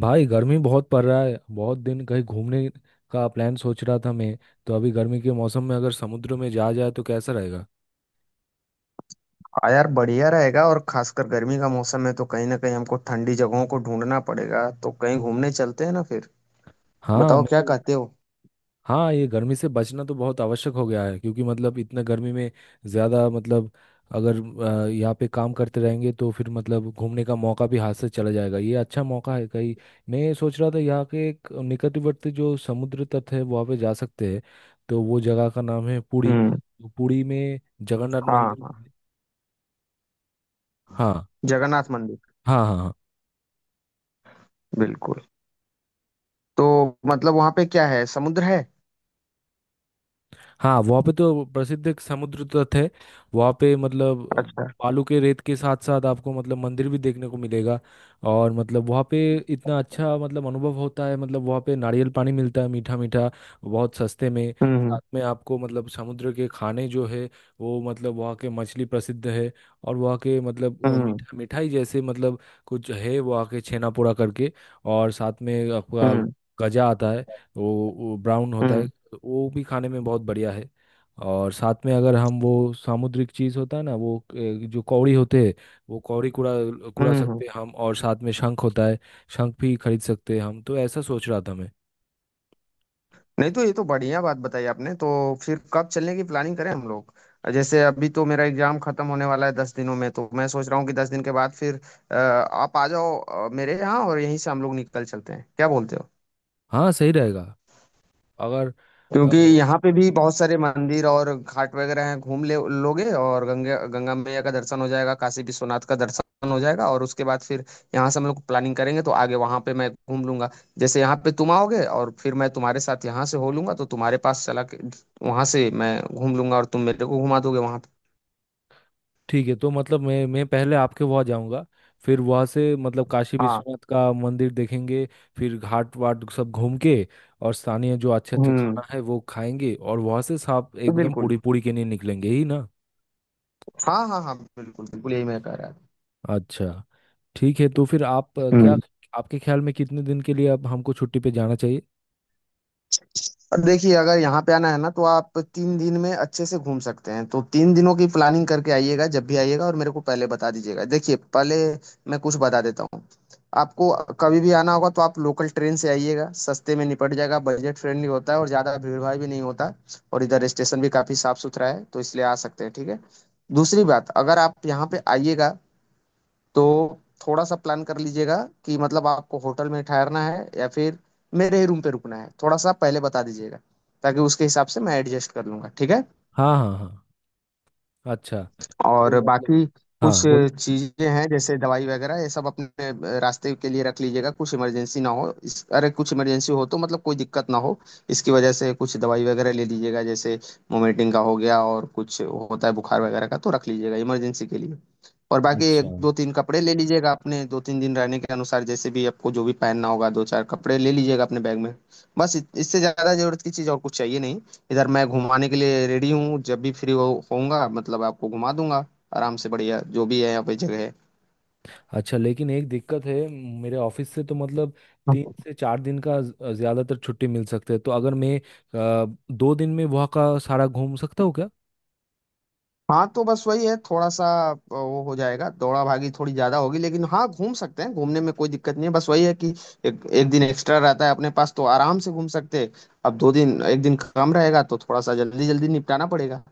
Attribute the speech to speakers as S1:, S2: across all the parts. S1: भाई गर्मी बहुत पड़ रहा है। बहुत दिन कहीं घूमने का प्लान सोच रहा था मैं। तो अभी गर्मी के मौसम में अगर समुद्र में जा जाए तो कैसा रहेगा?
S2: हाँ यार, बढ़िया रहेगा। और खासकर गर्मी का मौसम है, तो कहीं ना कहीं हमको ठंडी जगहों को ढूंढना पड़ेगा। तो कहीं घूमने चलते हैं ना फिर,
S1: हाँ
S2: बताओ
S1: मैं
S2: क्या
S1: तो,
S2: कहते हो।
S1: हाँ ये गर्मी से बचना तो बहुत आवश्यक हो गया है, क्योंकि मतलब इतना गर्मी में ज़्यादा मतलब अगर यहाँ पे काम करते रहेंगे तो फिर मतलब घूमने का मौका भी हाथ से चला जाएगा। ये अच्छा मौका है कहीं। मैं सोच रहा था यहाँ के एक निकटवर्ती जो समुद्र तट है वहाँ पे जा सकते हैं। तो वो जगह का नाम है पुरी।
S2: हम्म।
S1: तो पुरी में जगन्नाथ
S2: हाँ हाँ,
S1: मंदिर। हाँ
S2: जगन्नाथ मंदिर।
S1: हाँ। हाँ हाँ।
S2: बिल्कुल। तो मतलब वहां पे क्या है, समुद्र है?
S1: हाँ वहाँ पे तो प्रसिद्ध एक समुद्र तट है। वहाँ पे मतलब
S2: अच्छा।
S1: बालू के रेत के साथ साथ आपको मतलब मंदिर भी देखने को मिलेगा। और मतलब वहाँ पे इतना अच्छा मतलब अनुभव होता है। मतलब वहाँ पे नारियल पानी मिलता है मीठा मीठा, बहुत सस्ते में।
S2: हम्म।
S1: साथ में आपको मतलब समुद्र के खाने जो है वो, मतलब वहाँ के मछली प्रसिद्ध है। और वहाँ के मतलब
S2: हम्म।
S1: मिठा मिठाई जैसे मतलब कुछ है वहाँ के, छेना पोड़ा करके। और साथ में आपका
S2: हम्म।
S1: गजा आता है, वो ब्राउन होता है।
S2: हम्म।
S1: तो वो भी खाने में बहुत बढ़िया है। और साथ में अगर हम वो सामुद्रिक चीज़ होता है ना, वो जो कौड़ी होते हैं वो कौड़ी कुड़ा कुड़ा
S2: हम्म।
S1: सकते हैं हम। और साथ में शंख होता है, शंख भी खरीद सकते हैं हम। तो ऐसा सोच रहा था मैं।
S2: नहीं तो ये तो बढ़िया बात बताई आपने। तो फिर कब चलने की प्लानिंग करें हम लोग? जैसे अभी तो मेरा एग्जाम खत्म होने वाला है 10 दिनों में, तो मैं सोच रहा हूँ कि 10 दिन के बाद फिर आप आ जाओ मेरे यहाँ, और यहीं से हम लोग निकल चलते हैं, क्या बोलते हो?
S1: हाँ सही रहेगा अगर अ,
S2: क्योंकि यहाँ पे भी बहुत सारे मंदिर और घाट वगैरह हैं, घूम ले लोगे। और गंगा गंगा मैया का दर्शन हो जाएगा, काशी विश्वनाथ का दर्शन हो जाएगा, और उसके बाद फिर यहाँ से हम लोग प्लानिंग करेंगे तो आगे वहाँ पे मैं घूम लूंगा। जैसे यहाँ पे तुम आओगे और फिर मैं तुम्हारे साथ यहाँ से हो लूंगा, तो तुम्हारे पास चला के वहाँ से मैं घूम लूंगा, और तुम मेरे को घुमा दोगे वहाँ पे।
S1: ठीक है। तो मतलब मैं पहले आपके वहाँ जाऊँगा, फिर वहाँ से मतलब काशी
S2: हाँ।
S1: विश्वनाथ का मंदिर देखेंगे, फिर घाट वाट सब घूम के और स्थानीय जो अच्छे अच्छे
S2: हम्म।
S1: खाना है वो खाएंगे, और वहाँ से साफ एकदम
S2: बिल्कुल।
S1: पूरी पूरी के लिए निकलेंगे ही ना।
S2: हाँ हाँ हाँ, बिल्कुल बिल्कुल, यही मैं कह रहा था।
S1: अच्छा, ठीक है। तो फिर आप क्या
S2: हम्म।
S1: आपके ख्याल में कितने दिन के लिए अब हमको छुट्टी पे जाना चाहिए?
S2: और देखिए, अगर यहाँ पे आना है ना, तो आप तीन दिन में अच्छे से घूम सकते हैं। तो तीन दिनों की प्लानिंग करके आइएगा, जब भी आइएगा, और मेरे को पहले बता दीजिएगा। देखिए, पहले मैं कुछ बता देता हूँ आपको। कभी भी आना होगा तो आप लोकल ट्रेन से आइएगा, सस्ते में निपट जाएगा, बजट फ्रेंडली होता है और ज़्यादा भीड़ भाड़ भी नहीं होता। और इधर स्टेशन भी काफ़ी साफ सुथरा है, तो इसलिए आ सकते हैं, ठीक है। दूसरी बात, अगर आप यहाँ पे आइएगा तो थोड़ा सा प्लान कर लीजिएगा कि मतलब आपको होटल में ठहरना है या फिर मेरे ही रूम पे रुकना है, थोड़ा सा पहले बता दीजिएगा, ताकि उसके हिसाब से मैं एडजस्ट कर लूंगा, ठीक है।
S1: हाँ हाँ हाँ। अच्छा। तो
S2: और
S1: मतलब
S2: बाकी कुछ
S1: हाँ, बोल।
S2: चीजें हैं जैसे दवाई वगैरह, ये सब अपने रास्ते के लिए रख लीजिएगा। कुछ इमरजेंसी ना हो अरे, कुछ इमरजेंसी हो तो मतलब कोई दिक्कत ना हो इसकी वजह से, कुछ दवाई वगैरह ले लीजिएगा। जैसे मोमेंटिंग का हो गया, और कुछ होता है बुखार वगैरह का, तो रख लीजिएगा इमरजेंसी के लिए। और बाकी एक
S1: अच्छा,
S2: दो तीन कपड़े ले लीजिएगा अपने, दो तीन दिन रहने के अनुसार, जैसे भी आपको जो भी पहनना होगा, दो चार कपड़े ले लीजिएगा अपने बैग में। बस, इससे ज्यादा जरूरत की चीज और कुछ चाहिए नहीं। इधर मैं घुमाने के लिए रेडी हूँ, जब भी फ्री हो होऊंगा मतलब आपको घुमा दूंगा, आराम से, बढ़िया जो भी है यहाँ पे जगह है।
S1: अच्छा, लेकिन एक दिक्कत है। मेरे ऑफिस से तो मतलब 3 से 4 दिन का ज्यादातर छुट्टी मिल सकते हैं। तो अगर मैं 2 दिन में वहाँ का सारा घूम सकता हूँ क्या?
S2: हाँ तो बस वही है, थोड़ा सा वो हो जाएगा, दौड़ा भागी थोड़ी ज्यादा होगी, लेकिन हाँ घूम सकते हैं, घूमने में कोई दिक्कत नहीं है। बस वही है कि एक दिन एक्स्ट्रा रहता है अपने पास तो आराम से घूम सकते हैं। अब दो दिन, एक दिन कम रहेगा तो थोड़ा सा जल्दी जल्दी निपटाना पड़ेगा।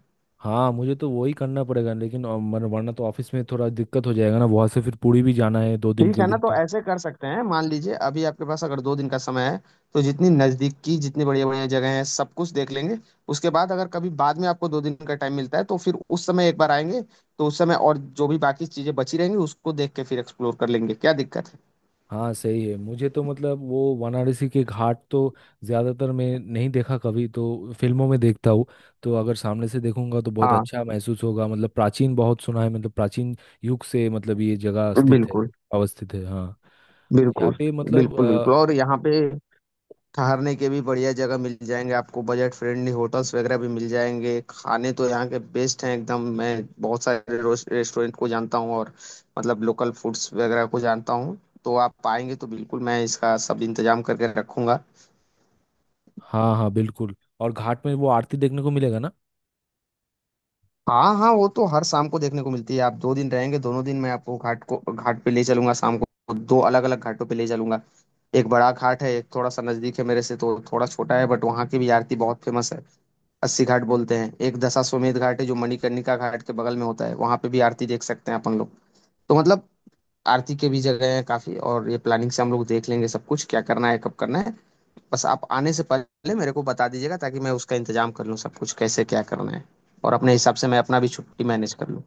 S1: हाँ मुझे तो वही करना पड़ेगा, लेकिन वरना तो ऑफिस में थोड़ा दिक्कत हो जाएगा ना। वहाँ से फिर पुरी भी जाना है 2 दिन
S2: ठीक
S1: के
S2: है ना,
S1: लिए
S2: तो
S1: तो।
S2: ऐसे कर सकते हैं, मान लीजिए अभी आपके पास अगर दो दिन का समय है तो जितनी नजदीक की जितनी बढ़िया बढ़िया जगह है सब कुछ देख लेंगे। उसके बाद अगर कभी बाद में आपको दो दिन का टाइम मिलता है तो फिर उस समय एक बार आएंगे, तो उस समय और जो भी बाकी चीजें बची रहेंगी उसको देख के फिर एक्सप्लोर कर लेंगे, क्या दिक्कत है।
S1: हाँ सही है। मुझे तो मतलब वो वाराणसी के घाट तो ज़्यादातर मैं नहीं देखा कभी, तो फिल्मों में देखता हूँ। तो अगर सामने से देखूंगा तो बहुत
S2: हाँ
S1: अच्छा महसूस होगा। मतलब प्राचीन बहुत सुना है, मतलब प्राचीन युग से मतलब ये जगह स्थित है,
S2: बिल्कुल
S1: अवस्थित है। हाँ यहाँ
S2: बिल्कुल,
S1: पे मतलब
S2: बिल्कुल बिल्कुल। और यहाँ पे ठहरने के भी बढ़िया जगह मिल जाएंगे आपको, बजट फ्रेंडली होटल्स वगैरह भी मिल जाएंगे। खाने तो यहाँ के बेस्ट हैं एकदम, मैं बहुत सारे रेस्टोरेंट को जानता हूँ, और मतलब लोकल फूड्स वगैरह को जानता हूँ। तो आप आएंगे तो बिल्कुल मैं इसका सब इंतजाम करके रखूंगा।
S1: हाँ हाँ बिल्कुल। और घाट में वो आरती देखने को मिलेगा ना?
S2: हाँ हाँ, वो तो हर शाम को देखने को मिलती है। आप दो दिन रहेंगे, दोनों दिन मैं आपको घाट को, घाट पे ले चलूंगा, शाम को दो अलग अलग घाटों पे ले चलूंगा। एक बड़ा घाट है, एक थोड़ा सा नजदीक है मेरे से तो थोड़ा छोटा है, बट वहाँ की भी आरती बहुत फेमस है। अस्सी घाट बोलते हैं। एक दशाश्वमेध घाट है, जो मणिकर्णिका घाट के बगल में होता है, वहां पे भी आरती देख सकते हैं अपन लोग। तो मतलब आरती के भी जगह है काफी, और ये प्लानिंग से हम लोग देख लेंगे सब कुछ, क्या करना है कब करना है। बस आप आने से पहले मेरे को बता दीजिएगा, ताकि मैं उसका इंतजाम कर लूँ, सब कुछ कैसे क्या करना है, और अपने हिसाब से मैं अपना भी छुट्टी मैनेज कर लूँ।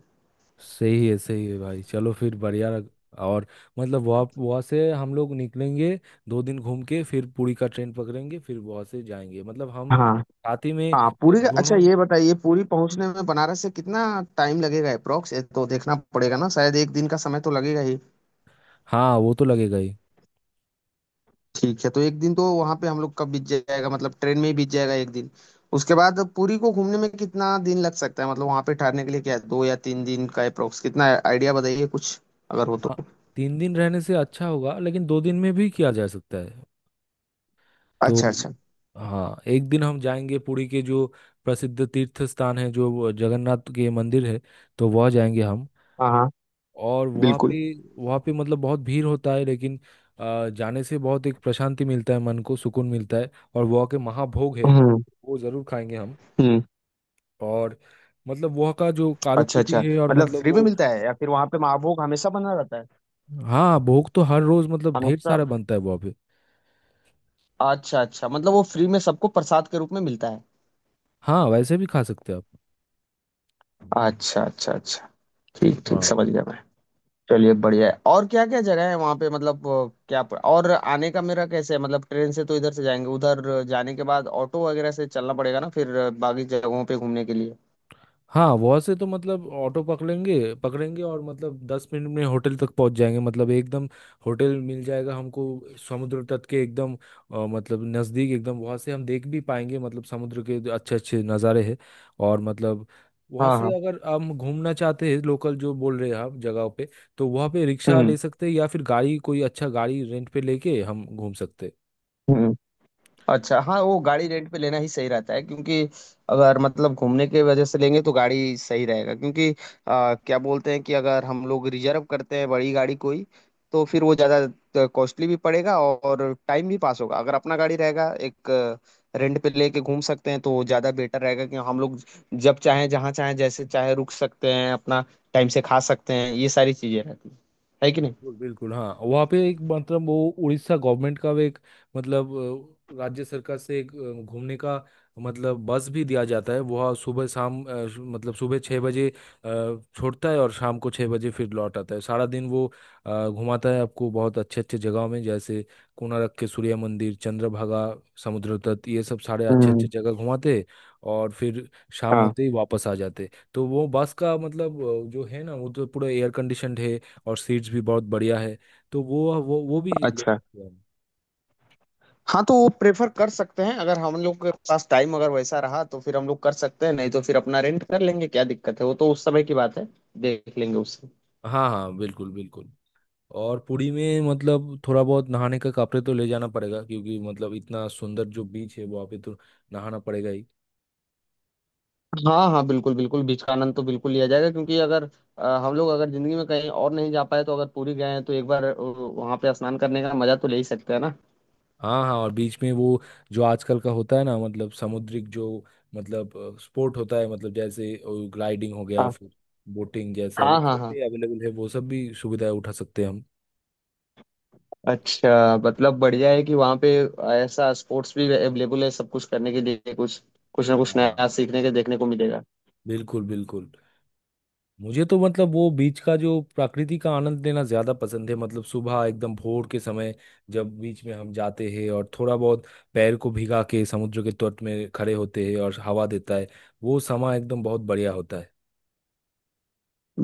S1: सही है, सही है भाई। चलो फिर बढ़िया। और मतलब वहाँ वहाँ से हम लोग निकलेंगे, 2 दिन घूम के फिर पुरी का ट्रेन पकड़ेंगे, फिर वहाँ से जाएंगे मतलब हम
S2: हाँ
S1: साथ ही में
S2: हाँ अच्छा
S1: दोनों।
S2: ये बताइए, पूरी पहुंचने में बनारस से कितना टाइम लगेगा अप्रोक्स? तो देखना पड़ेगा ना, शायद एक दिन का समय तो लगेगा ही।
S1: हाँ वो तो लगेगा ही।
S2: ठीक है, तो एक दिन तो वहां पे हम लोग का बीत जाएगा, मतलब ट्रेन में ही बीत जाएगा एक दिन। उसके बाद पुरी को घूमने में कितना दिन लग सकता है, मतलब वहां पे ठहरने के लिए क्या है, दो या तीन दिन का अप्रोक्स कितना आइडिया बताइए कुछ, अगर हो तो।
S1: हाँ 3 दिन रहने से अच्छा होगा, लेकिन 2 दिन में भी किया जा सकता है। तो
S2: अच्छा अच्छा।
S1: हाँ एक दिन हम जाएंगे पुरी के जो प्रसिद्ध तीर्थ स्थान है, जो वो जगन्नाथ के मंदिर है, तो वह जाएंगे हम।
S2: हाँ हाँ
S1: और वहाँ
S2: बिल्कुल।
S1: पे, वहाँ पे मतलब बहुत भीड़ होता है, लेकिन जाने से बहुत एक प्रशांति मिलता है, मन को सुकून मिलता है। और वहाँ के महाभोग है,
S2: हम्म।
S1: वो जरूर खाएंगे हम।
S2: हम्म।
S1: और मतलब वहाँ का जो
S2: अच्छा अच्छा,
S1: कारुकृति है और
S2: मतलब
S1: मतलब
S2: फ्री में
S1: वो,
S2: मिलता है या फिर वहां पे महाभोग हमेशा बना रहता है?
S1: हाँ भोग तो हर रोज मतलब ढेर
S2: हमेशा?
S1: सारा बनता है वहाँ पे।
S2: अच्छा अच्छा, मतलब वो फ्री में सबको प्रसाद के रूप में मिलता है।
S1: हाँ वैसे भी खा सकते हैं आप।
S2: अच्छा अच्छा अच्छा, ठीक ठीक
S1: हाँ
S2: समझ गया मैं। चलिए बढ़िया है। और क्या क्या जगह है वहाँ पे मतलब, और आने का मेरा कैसे है, मतलब ट्रेन से तो इधर से जाएंगे, उधर जाने के बाद ऑटो वगैरह से चलना पड़ेगा ना फिर बाकी जगहों पे घूमने के लिए?
S1: हाँ। वहाँ से तो मतलब ऑटो पकड़ेंगे पकड़ेंगे और मतलब 10 मिनट में होटल तक पहुँच जाएंगे। मतलब एकदम होटल मिल जाएगा हमको, समुद्र तट के एकदम मतलब नज़दीक एकदम। वहाँ से हम देख भी पाएंगे मतलब समुद्र के अच्छे अच्छे नज़ारे हैं। और मतलब वहाँ
S2: हाँ
S1: से
S2: हाँ।
S1: अगर हम घूमना चाहते हैं लोकल जो बोल रहे हैं आप जगहों पे, तो वहाँ पे रिक्शा
S2: हम्म।
S1: ले सकते हैं, या फिर गाड़ी कोई अच्छा गाड़ी रेंट पे लेके हम घूम सकते हैं।
S2: हम्म। अच्छा हाँ, वो गाड़ी रेंट पे लेना ही सही रहता है, क्योंकि अगर मतलब घूमने के वजह से लेंगे तो गाड़ी सही रहेगा। क्योंकि क्या बोलते हैं कि अगर हम लोग रिजर्व करते हैं बड़ी गाड़ी कोई, तो फिर वो ज़्यादा कॉस्टली भी पड़ेगा और टाइम भी पास होगा। अगर अपना गाड़ी रहेगा एक, रेंट पे लेके घूम सकते हैं तो वो ज़्यादा बेटर रहेगा कि हम लोग जब चाहें जहाँ चाहें जैसे चाहे रुक सकते हैं अपना, टाइम से खा सकते हैं, ये सारी चीज़ें रहती हैं। है कि नहीं?
S1: बिल्कुल बिल्कुल, हाँ वहाँ पे एक मतलब वो उड़ीसा गवर्नमेंट का एक मतलब राज्य सरकार से एक घूमने का मतलब बस भी दिया जाता है। वह सुबह शाम मतलब सुबह 6 बजे छोड़ता है, और शाम को 6 बजे फिर लौट आता है। सारा दिन वो घुमाता है आपको बहुत अच्छे अच्छे जगहों में, जैसे कोणार्क के सूर्य मंदिर, चंद्रभागा समुद्र तट, ये सब सारे अच्छे
S2: हम्म।
S1: अच्छे जगह घुमाते हैं। और फिर शाम
S2: हाँ।
S1: होते ही वापस आ जाते हैं। तो वो बस का मतलब जो है ना वो तो पूरा एयर कंडीशनड है, और सीट्स भी बहुत बढ़िया है। तो वो वो भी ले
S2: अच्छा
S1: सकते हैं हम।
S2: हाँ, तो वो प्रेफर कर सकते हैं अगर हम लोग के पास टाइम अगर वैसा रहा तो, फिर हम लोग कर सकते हैं, नहीं तो फिर अपना रेंट कर लेंगे, क्या दिक्कत है, वो तो उस समय की बात है, देख लेंगे उससे।
S1: हाँ हाँ बिल्कुल बिल्कुल। और पुरी में मतलब थोड़ा बहुत नहाने का कपड़े तो ले जाना पड़ेगा, क्योंकि मतलब इतना सुंदर जो बीच है वहाँ पे तो नहाना पड़ेगा ही।
S2: हाँ हाँ बिल्कुल बिल्कुल, बीच का आनंद तो बिल्कुल लिया जाएगा। क्योंकि अगर हम लोग अगर जिंदगी में कहीं और नहीं जा पाए, तो अगर पुरी गए हैं तो एक बार वहाँ पे स्नान करने का मजा तो ले ही सकते हैं ना।
S1: हाँ हाँ। और बीच में वो जो आजकल का होता है ना मतलब समुद्रिक जो मतलब स्पोर्ट होता है मतलब जैसे ग्लाइडिंग हो गया,
S2: हाँ
S1: फिर बोटिंग जैसा, वो
S2: हाँ
S1: सब
S2: हाँ। हाँ
S1: भी अवेलेबल है, वो सब भी सुविधाएं उठा सकते हैं हम।
S2: अच्छा, मतलब बढ़िया है कि वहाँ पे ऐसा स्पोर्ट्स भी अवेलेबल है सब कुछ करने के लिए, कुछ कुछ ना कुछ
S1: हाँ
S2: नया सीखने के देखने को मिलेगा।
S1: बिल्कुल बिल्कुल, मुझे तो मतलब वो बीच का जो प्रकृति का आनंद लेना ज्यादा पसंद है। मतलब सुबह एकदम भोर के समय जब बीच में हम जाते हैं और थोड़ा बहुत पैर को भिगा के समुद्र के तट में खड़े होते हैं और हवा देता है, वो समय एकदम बहुत बढ़िया होता है।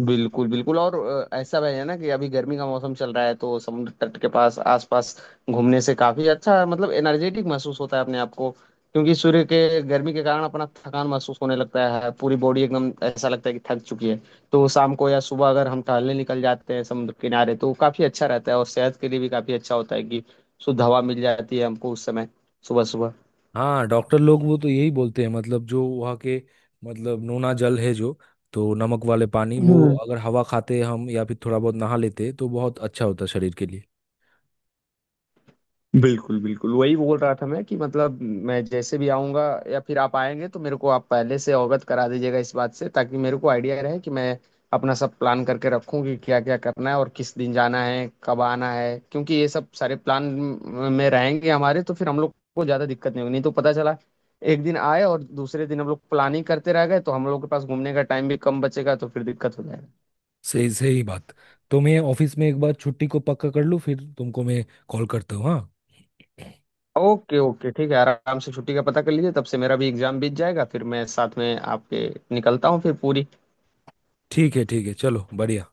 S2: बिल्कुल बिल्कुल। और ऐसा भी है ना कि अभी गर्मी का मौसम चल रहा है, तो समुद्र तट के पास आसपास घूमने से काफी अच्छा, मतलब एनर्जेटिक महसूस होता है अपने आप को। क्योंकि सूर्य के गर्मी के कारण अपना थकान महसूस होने लगता है, पूरी बॉडी एकदम ऐसा लगता है कि थक चुकी है। तो शाम को या सुबह अगर हम टहलने निकल जाते हैं समुद्र किनारे तो काफी अच्छा रहता है, और सेहत के लिए भी काफी अच्छा होता है कि शुद्ध हवा मिल जाती है हमको उस समय, सुबह
S1: हाँ डॉक्टर लोग वो तो यही बोलते हैं। मतलब जो वहाँ के मतलब नोना जल है जो, तो नमक वाले पानी वो
S2: सुबह।
S1: अगर हवा खाते हम या फिर थोड़ा बहुत नहा लेते तो बहुत अच्छा होता शरीर के लिए।
S2: बिल्कुल बिल्कुल, वही बोल रहा था मैं कि मतलब, मैं जैसे भी आऊँगा या फिर आप आएंगे तो मेरे को आप पहले से अवगत करा दीजिएगा इस बात से, ताकि मेरे को आइडिया रहे कि मैं अपना सब प्लान करके रखूँ कि क्या क्या करना है और किस दिन जाना है कब आना है, क्योंकि ये सब सारे प्लान में रहेंगे हमारे तो फिर हम लोग को ज़्यादा दिक्कत नहीं होगी। नहीं तो पता चला एक दिन आए और दूसरे दिन हम लोग प्लानिंग करते रह गए तो हम लोग के पास घूमने का टाइम भी कम बचेगा तो फिर दिक्कत हो जाएगी।
S1: सही सही बात। तो मैं ऑफिस में एक बार छुट्टी को पक्का कर लूँ फिर तुमको मैं कॉल करता हूँ हाँ।
S2: ओके ओके ठीक है, आराम से छुट्टी का पता कर लीजिए, तब से मेरा भी एग्जाम बीत जाएगा, फिर मैं साथ में आपके निकलता हूँ फिर पूरी।
S1: ठीक है, ठीक है चलो बढ़िया।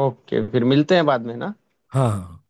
S2: ओके, फिर मिलते हैं बाद में ना।
S1: हाँ हाँ हाँ।